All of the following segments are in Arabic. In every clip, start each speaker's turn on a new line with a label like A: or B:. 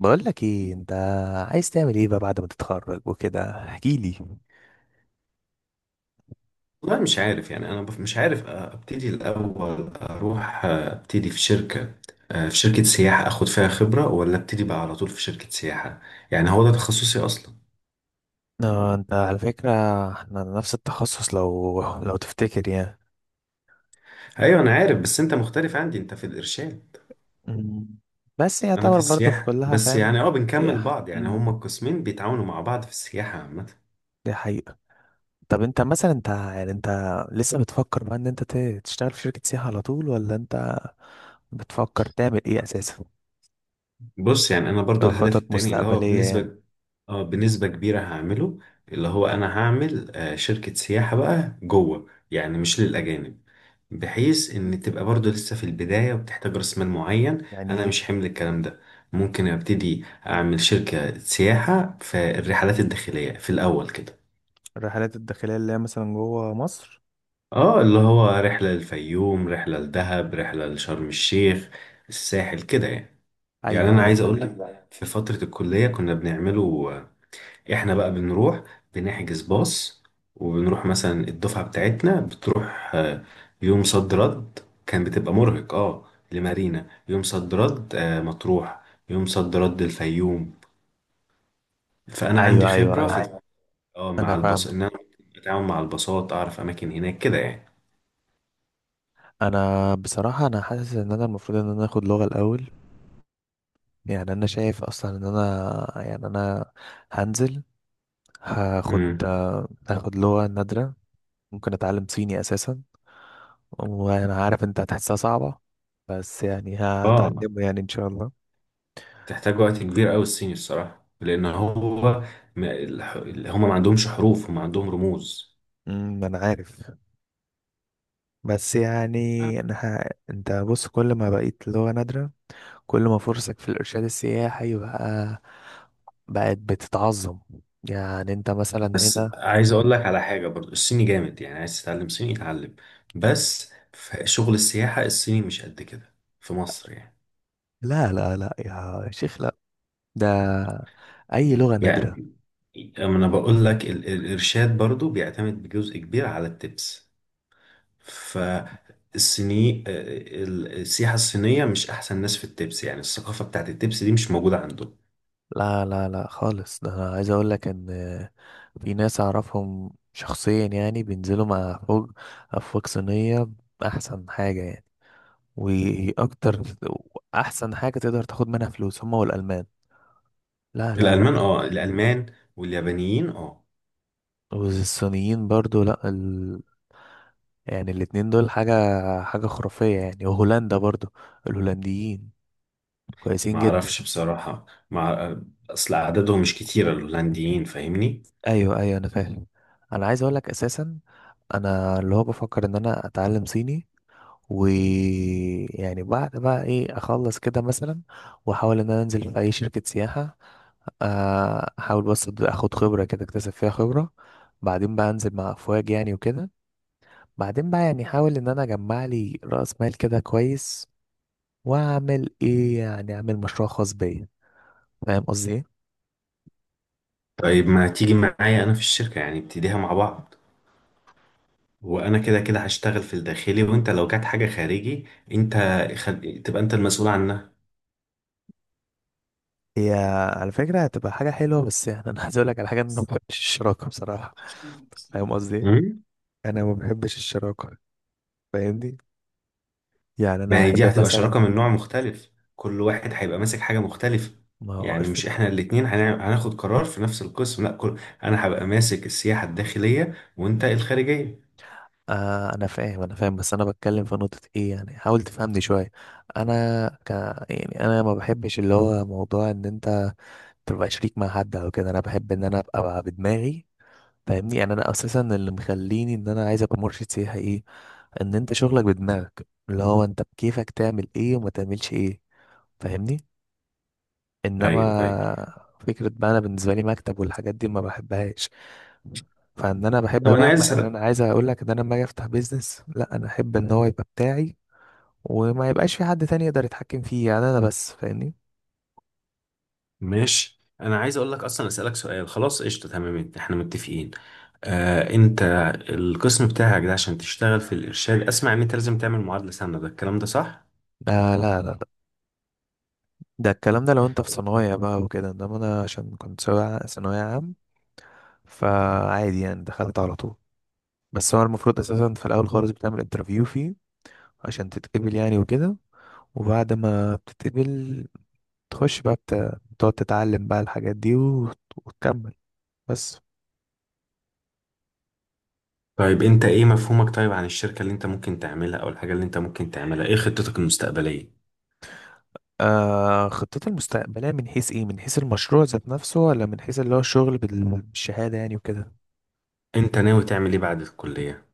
A: بقول لك ايه انت؟ عايز تعمل ايه بقى بعد ما تتخرج وكده، احكي لي.
B: والله مش عارف، يعني انا مش عارف ابتدي الاول. اروح ابتدي في شركه سياحه اخد فيها خبره، ولا ابتدي بقى على طول في شركه سياحه. يعني هو ده تخصصي اصلا.
A: آه، انت على فكرة احنا نفس التخصص، لو تفتكر يعني.
B: ايوه، انا عارف بس انت مختلف عندي، انت في الارشاد.
A: مم. بس
B: انا في
A: يعتبر برضه في
B: السياحه،
A: كلها
B: بس
A: فاهم.
B: يعني
A: دي
B: بنكمل بعض، يعني هما القسمين بيتعاونوا مع بعض في السياحه عامه.
A: دي حقيقة. طب انت مثلا، انت لسه بتفكر بقى ان تشتغل في شركة سياحة على طول، ولا انت بتفكر تعمل ايه اساسا؟
B: بص، يعني انا برضو الهدف
A: كخطط
B: التاني اللي هو
A: مستقبليه يعني.
B: بنسبه، اه بنسبه كبيره هعمله. اللي هو انا هعمل شركه سياحه بقى جوه، يعني مش للاجانب. بحيث ان تبقى برضو لسه في البداية وبتحتاج راس مال معين،
A: يعني
B: انا
A: ايه؟
B: مش حمل الكلام ده. ممكن ابتدي اعمل شركة سياحة في الرحلات الداخلية في الاول كده.
A: الرحلات الداخلية اللي هي مثلا جوه مصر.
B: اه، اللي هو رحلة للفيوم، رحلة لدهب، رحلة لشرم الشيخ، الساحل كده يعني. يعني
A: ايوه
B: انا
A: ايوه
B: عايز اقول
A: فهمت.
B: لك، في فترة الكلية كنا بنعمله. احنا بقى بنروح، بنحجز باص، وبنروح مثلا الدفعة بتاعتنا بتروح. يوم صد رد. كان بتبقى مرهق اه لمارينا يوم صد رد، مطروح يوم صد رد الفيوم. فأنا عندي
A: ايوه ايوه
B: خبرة في،
A: ايوه،
B: ايوه. اه، مع
A: انا
B: الباص
A: فاهم.
B: إن أنا بتعامل مع الباصات، أعرف أماكن هناك كده يعني.
A: انا بصراحة، انا حاسس ان انا المفروض ان انا اخد لغة الاول. يعني انا شايف اصلا ان انا يعني انا هنزل، هاخد
B: امم.
A: هاخد لغة نادرة. ممكن اتعلم صيني اساسا. وانا عارف انت هتحسها صعبة، بس يعني
B: اه،
A: هتعلمه يعني ان شاء الله.
B: تحتاج وقت كبير أوي الصيني الصراحة، لأن هو ما- الح- هما ما عندهمش حروف، هما عندهم رموز.
A: انا عارف، بس يعني انا انت بص، كل ما بقيت لغة نادرة، كل ما فرصك في الارشاد السياحي بقى بقت بتتعظم. يعني انت مثلا
B: بس
A: هنا.
B: عايز اقول لك على حاجه، برضو الصيني جامد، يعني عايز تتعلم صيني يتعلم. بس في شغل السياحه الصيني مش قد كده في مصر يعني.
A: لا لا لا يا شيخ، لا، ده اي لغة نادرة.
B: يعني، أما انا بقول لك الارشاد برضو بيعتمد بجزء كبير على التبس. فالصيني، السياحه الصينيه مش احسن ناس في التبس، يعني الثقافه بتاعت التبس دي مش موجوده عندهم.
A: لا لا لا خالص، ده انا عايز اقول لك ان في ناس اعرفهم شخصيا يعني بينزلوا مع فوق افواج صينية. احسن حاجة يعني، واكتر. احسن حاجة تقدر تاخد منها فلوس هما والالمان. لا لا لا.
B: الالمان، الالمان واليابانيين، اه.
A: والصينيين برضو، لا يعني الاتنين دول حاجة خرافية يعني. وهولندا برضو، الهولنديين كويسين
B: ما
A: جدا.
B: اعرفش بصراحه، مع اصل عددهم مش كتير الهولنديين، فاهمني؟
A: ايوه ايوه انا فاهم. انا عايز اقول لك اساسا، انا اللي هو بفكر ان انا اتعلم صيني. ويعني بعد بقى ايه، اخلص كده مثلا، واحاول ان انا انزل في اي شركة سياحة. احاول بس اخد خبرة، كده اكتسب فيها خبرة. بعدين بقى انزل مع افواج يعني وكده. بعدين بقى يعني احاول ان انا اجمع لي رأس مال كده كويس. واعمل ايه يعني، اعمل مشروع خاص بيا. فاهم قصدي ايه؟
B: طيب، ما تيجي معايا انا في الشركة، يعني ابتديها مع بعض. وانا كده كده هشتغل في الداخلي، وانت لو جات حاجة خارجي، انت تبقى انت المسؤول عنها.
A: هي على فكرة هتبقى حاجة حلوة، بس يعني انا عايز اقول لك على حاجة، إن انا ما بحبش الشراكة بصراحة. فاهم قصدي ايه؟
B: مم.
A: انا ما بحبش الشراكة، فاهمني. يعني انا
B: ما هي دي
A: بحب
B: هتبقى
A: مثلا
B: شراكة من نوع مختلف، كل واحد هيبقى ماسك حاجة مختلفة.
A: ما هو
B: يعني
A: اس-
B: مش احنا الاتنين هناخد قرار في نفس القسم، لا كل... انا هبقى ماسك السياحة الداخلية، وانت الخارجية.
A: آه، انا فاهم انا فاهم، بس انا بتكلم في نقطة ايه، يعني حاول تفهمني شوية. انا ك يعني انا ما بحبش اللي هو موضوع ان انت تبقى شريك مع حد او كده. انا بحب ان انا ابقى بدماغي، فاهمني. يعني انا اساسا اللي مخليني ان انا عايز ابقى مرشد سياحي، ايه ان انت شغلك بدماغك، اللي هو انت بكيفك تعمل ايه وما تعملش ايه. فاهمني. انما
B: ايوه، ايوه.
A: فكرة بقى انا بالنسبة لي مكتب والحاجات دي ما بحبهاش. فان انا بحب
B: طب انا
A: بقى،
B: عايز
A: ان
B: اسالك.
A: انا عايز اقول لك ان انا لما اجي افتح بيزنس، لا انا احب ان هو يبقى بتاعي. وما يبقاش في حد تاني يقدر يتحكم فيه، يعني انا بس، فاهمني.
B: ماشي، انا عايز اقول لك اصلا، اسالك سؤال، خلاص قشطه، تمام احنا متفقين. انت القسم بتاعك ده عشان تشتغل في الارشاد، اسمع ان انت لازم تعمل معادله سنه، ده الكلام ده صح؟
A: لا لا لا لا. ده الكلام ده لو انت في صنايع بقى وكده. انما انا عشان كنت ثانوية عام، فعادي يعني، دخلت على طول. بس هو المفروض اساسا في الاول خالص بتعمل انترفيو فيه عشان تتقبل يعني وكده. وبعد ما بتتقبل، تخش بقى بتقعد تتعلم بقى الحاجات دي وتكمل بس.
B: طيب، انت ايه مفهومك طيب عن الشركه اللي انت ممكن تعملها، او الحاجه اللي انت ممكن تعملها، ايه خطتك المستقبليه؟
A: آه، خطتي المستقبلية من حيث ايه؟ من حيث المشروع ذات نفسه، ولا من حيث اللي هو الشغل بالشهادة يعني وكده؟
B: انت ناوي تعمل ايه بعد الكليه؟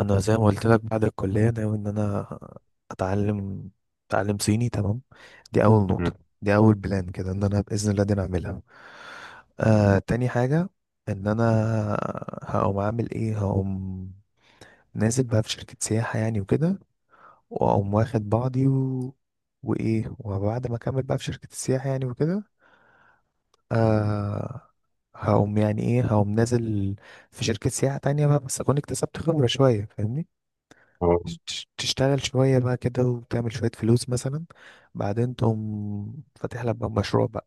A: انا زي ما قلت لك، بعد الكلية ناوي ان انا اتعلم اتعلم صيني تمام. دي اول
B: مم.
A: نقطة. دي اول بلان كده، ان انا بإذن الله دي نعملها. آه، تاني حاجة، ان انا هقوم اعمل ايه، هقوم نازل بقى في شركة سياحة يعني وكده. واقوم واخد بعضي وايه، وبعد ما اكمل بقى في شركة السياحة يعني وكده. آه، هقوم يعني ايه، هقوم نازل في شركة سياحة تانية بقى، بس اكون اكتسبت خبرة شوية فاهمني.
B: آه.
A: تشتغل شوية بقى كده وتعمل شوية فلوس مثلا. بعدين تقوم فاتح لك بقى مشروع بقى،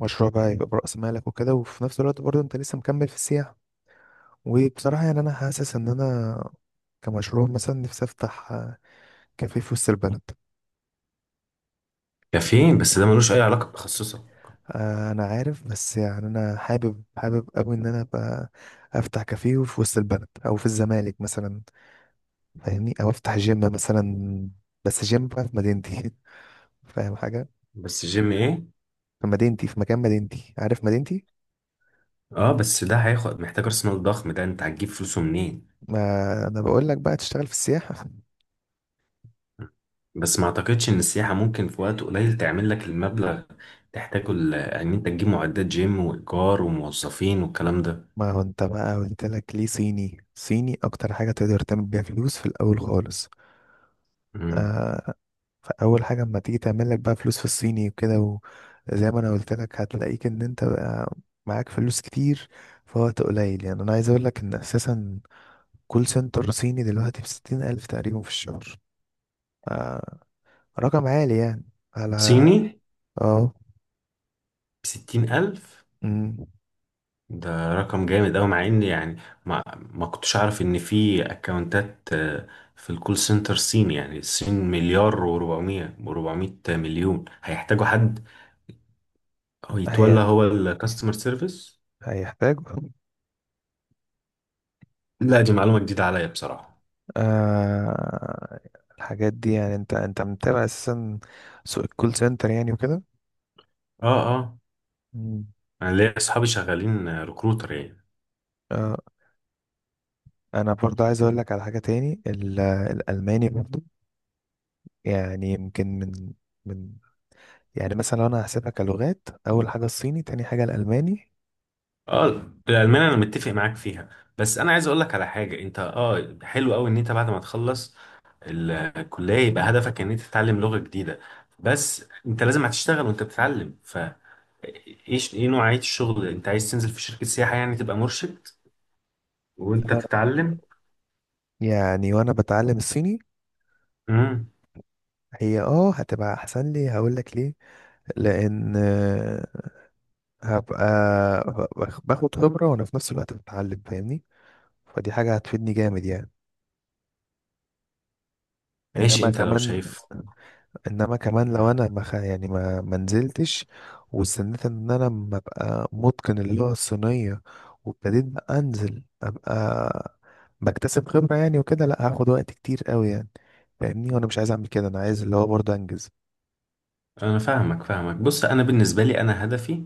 A: مشروع بقى يبقى برأس مالك وكده. وفي نفس الوقت برضه انت لسه مكمل في السياحة. وبصراحة يعني انا حاسس ان انا كمشروع مثلا نفسي افتح كافيه في وسط البلد.
B: كافيين؟ بس ده ملوش اي علاقه بتخصصك.
A: آه، انا عارف، بس يعني انا حابب قوي ان انا ابقى افتح كافيه في وسط البلد او في الزمالك مثلا. فاهمني، او افتح جيم مثلا، بس جيم بقى في مدينتي. فاهم حاجه؟
B: بس جيم ايه؟
A: في مدينتي، في مكان مدينتي، عارف مدينتي.
B: اه، بس ده هياخد، محتاج راس مال ضخم، ده انت هتجيب فلوسه منين؟
A: ما انا بقول لك بقى تشتغل في السياحه.
B: بس ما اعتقدش ان السياحة ممكن في وقت قليل تعمل لك المبلغ تحتاجه ان انت تجيب معدات جيم وايجار وموظفين والكلام ده.
A: ما هو انت بقى قلت لك ليه، صيني اكتر حاجه تقدر تعمل بيها فلوس في الاول خالص.
B: مم.
A: آه، فاول حاجه اما تيجي تعمل لك بقى فلوس في الصيني وكده، وزي ما انا قلت لك، هتلاقيك ان انت بقى معاك فلوس كتير في وقت قليل. يعني انا عايز اقول لك ان اساسا، كول سنتر صيني دلوقتي بستين الف تقريبا في الشهر. آه، رقم عالي يعني، على...
B: صيني؟
A: اه.
B: بستين الف؟
A: أمم.
B: ده رقم جامد اوي، مع ان يعني ما كنتش اعرف ان في اكونتات. في الكول سنتر صيني، يعني الصين مليار و400 مليون هيحتاجوا حد، هو يتولى
A: هي
B: هو الكاستمر سيرفيس.
A: هيحتاج.
B: لا، دي معلومة جديدة عليا بصراحة.
A: آه... الحاجات دي، يعني انت متابع اساسا سوق الكول سنتر يعني وكده.
B: اه، اه.
A: أمم.
B: انا ليا اصحابي شغالين ريكروتر.
A: آه... انا برضه عايز اقول لك على حاجة تاني الالماني برضه. يعني يمكن من من يعني مثلا، لو انا هحسبها كلغات، اول حاجة الصيني، تاني حاجة الالماني.
B: اه، الألمانية أنا متفق معاك فيها. بس أنا عايز أقول لك على حاجة، أنت حلو أوي إن أنت بعد ما تخلص الكلية، يبقى هدفك إن أنت تتعلم لغة جديدة. بس أنت لازم هتشتغل وأنت بتتعلم، ف إيه نوعية الشغل، أنت عايز تنزل في شركة سياحة يعني تبقى مرشد وأنت بتتعلم.
A: يعني وانا بتعلم الصيني
B: امم.
A: هي هتبقى احسن لي، هقول لك ليه. لان هبقى باخد خبرة وانا في نفس الوقت بتعلم، فاهمني. فدي حاجة هتفيدني جامد يعني.
B: ماشي،
A: انما
B: أنت لو
A: كمان،
B: شايف.
A: انما كمان لو انا ما خ- يعني ما نزلتش، واستنيت ان انا ما ابقى متقن اللغه الصينيه، وابتديت بقى انزل ابقى بكتسب خبره يعني وكده، لا هاخد وقت كتير قوي يعني. فاهمني، وانا مش عايز اعمل كده، انا عايز اللي هو برضه انجز.
B: انا فاهمك فاهمك، بص انا بالنسبه لي انا هدفي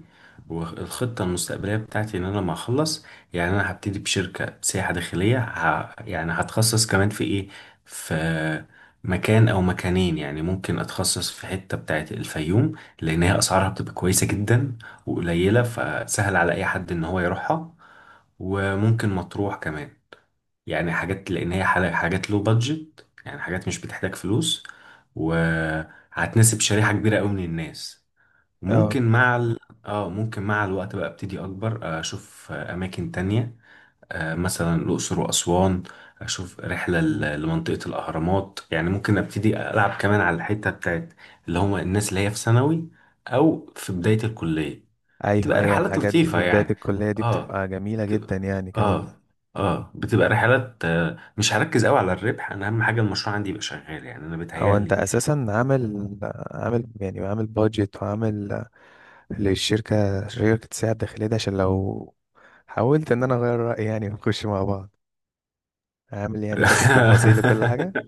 B: والخطه المستقبليه بتاعتي، ان انا لما اخلص يعني، انا هبتدي بشركه سياحه داخليه، يعني هتخصص كمان في ايه، في مكان او مكانين. يعني ممكن اتخصص في حته بتاعت الفيوم، لان هي اسعارها بتبقى كويسه جدا وقليله، فسهل على اي حد ان هو يروحها. وممكن مطروح كمان، يعني حاجات لان هي حاجات لو بادجت، يعني حاجات مش بتحتاج فلوس، وهتناسب شريحة كبيرة قوي من الناس.
A: اه.
B: ممكن مع ال... اه، ممكن مع الوقت بقى ابتدي اكبر، اشوف اماكن تانية، مثلا الاقصر واسوان. اشوف رحلة
A: مم.
B: لمنطقة الاهرامات، يعني ممكن ابتدي العب كمان على الحتة بتاعت اللي هم الناس اللي هي في ثانوي او في بداية الكلية.
A: ايوه
B: بتبقى
A: ايوه،
B: رحلات
A: الحاجات دي
B: لطيفة
A: في بدايه
B: يعني.
A: الكليه دي
B: اه.
A: بتبقى جميله جدا
B: بتبقى.
A: يعني كمان.
B: اه. اه، بتبقى رحلات. مش هركز قوي على الربح، انا اهم حاجة المشروع عندي يبقى شغال، يعني انا
A: هو انت
B: بيتهيألي.
A: اساسا عامل يعني، عامل بادجت، وعامل للشركه، شركه السياحه الداخليه دي؟ عشان لو حاولت ان انا اغير رايي يعني ونخش مع بعض، عامل يعني كاتب تفاصيل وكل حاجه؟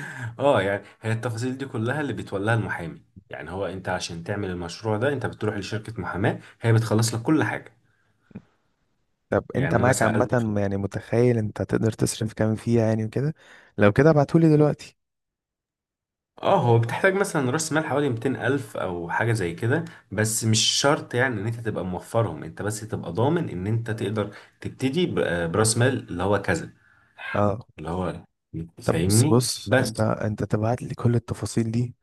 B: اه، يعني هي التفاصيل دي كلها اللي بيتولاها المحامي. يعني هو انت عشان تعمل المشروع ده، انت بتروح لشركة محاماة هي بتخلص لك كل حاجة.
A: طب انت
B: يعني انا
A: معاك
B: سألت.
A: عامه يعني، متخيل انت تقدر تصرف كام فيها يعني وكده؟ لو كده ابعتهولي دلوقتي.
B: اه، هو بتحتاج مثلا راس مال حوالي 200 ألف أو حاجة زي كده. بس مش شرط يعني إن أنت تبقى موفرهم، أنت بس تبقى ضامن إن أنت تقدر تبتدي براس مال اللي هو كذا،
A: اه.
B: اللي هو،
A: طب بص
B: فاهمني؟
A: بص،
B: بس
A: انت تبعت لي كل التفاصيل دي،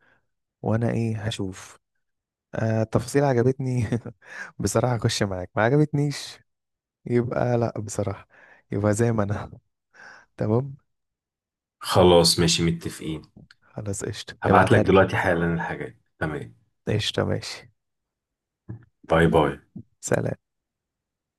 A: وانا ايه، هشوف. التفاصيل عجبتني، بصراحه اخش معاك. ما عجبتنيش يبقى، لا بصراحه، يبقى زي ما انا. تمام،
B: خلاص، ماشي متفقين.
A: خلاص قشطه،
B: هبعت لك
A: ابعتها لي.
B: دلوقتي حالا الحاجات، تمام.
A: قشطه، ماشي،
B: باي باي.
A: سلام.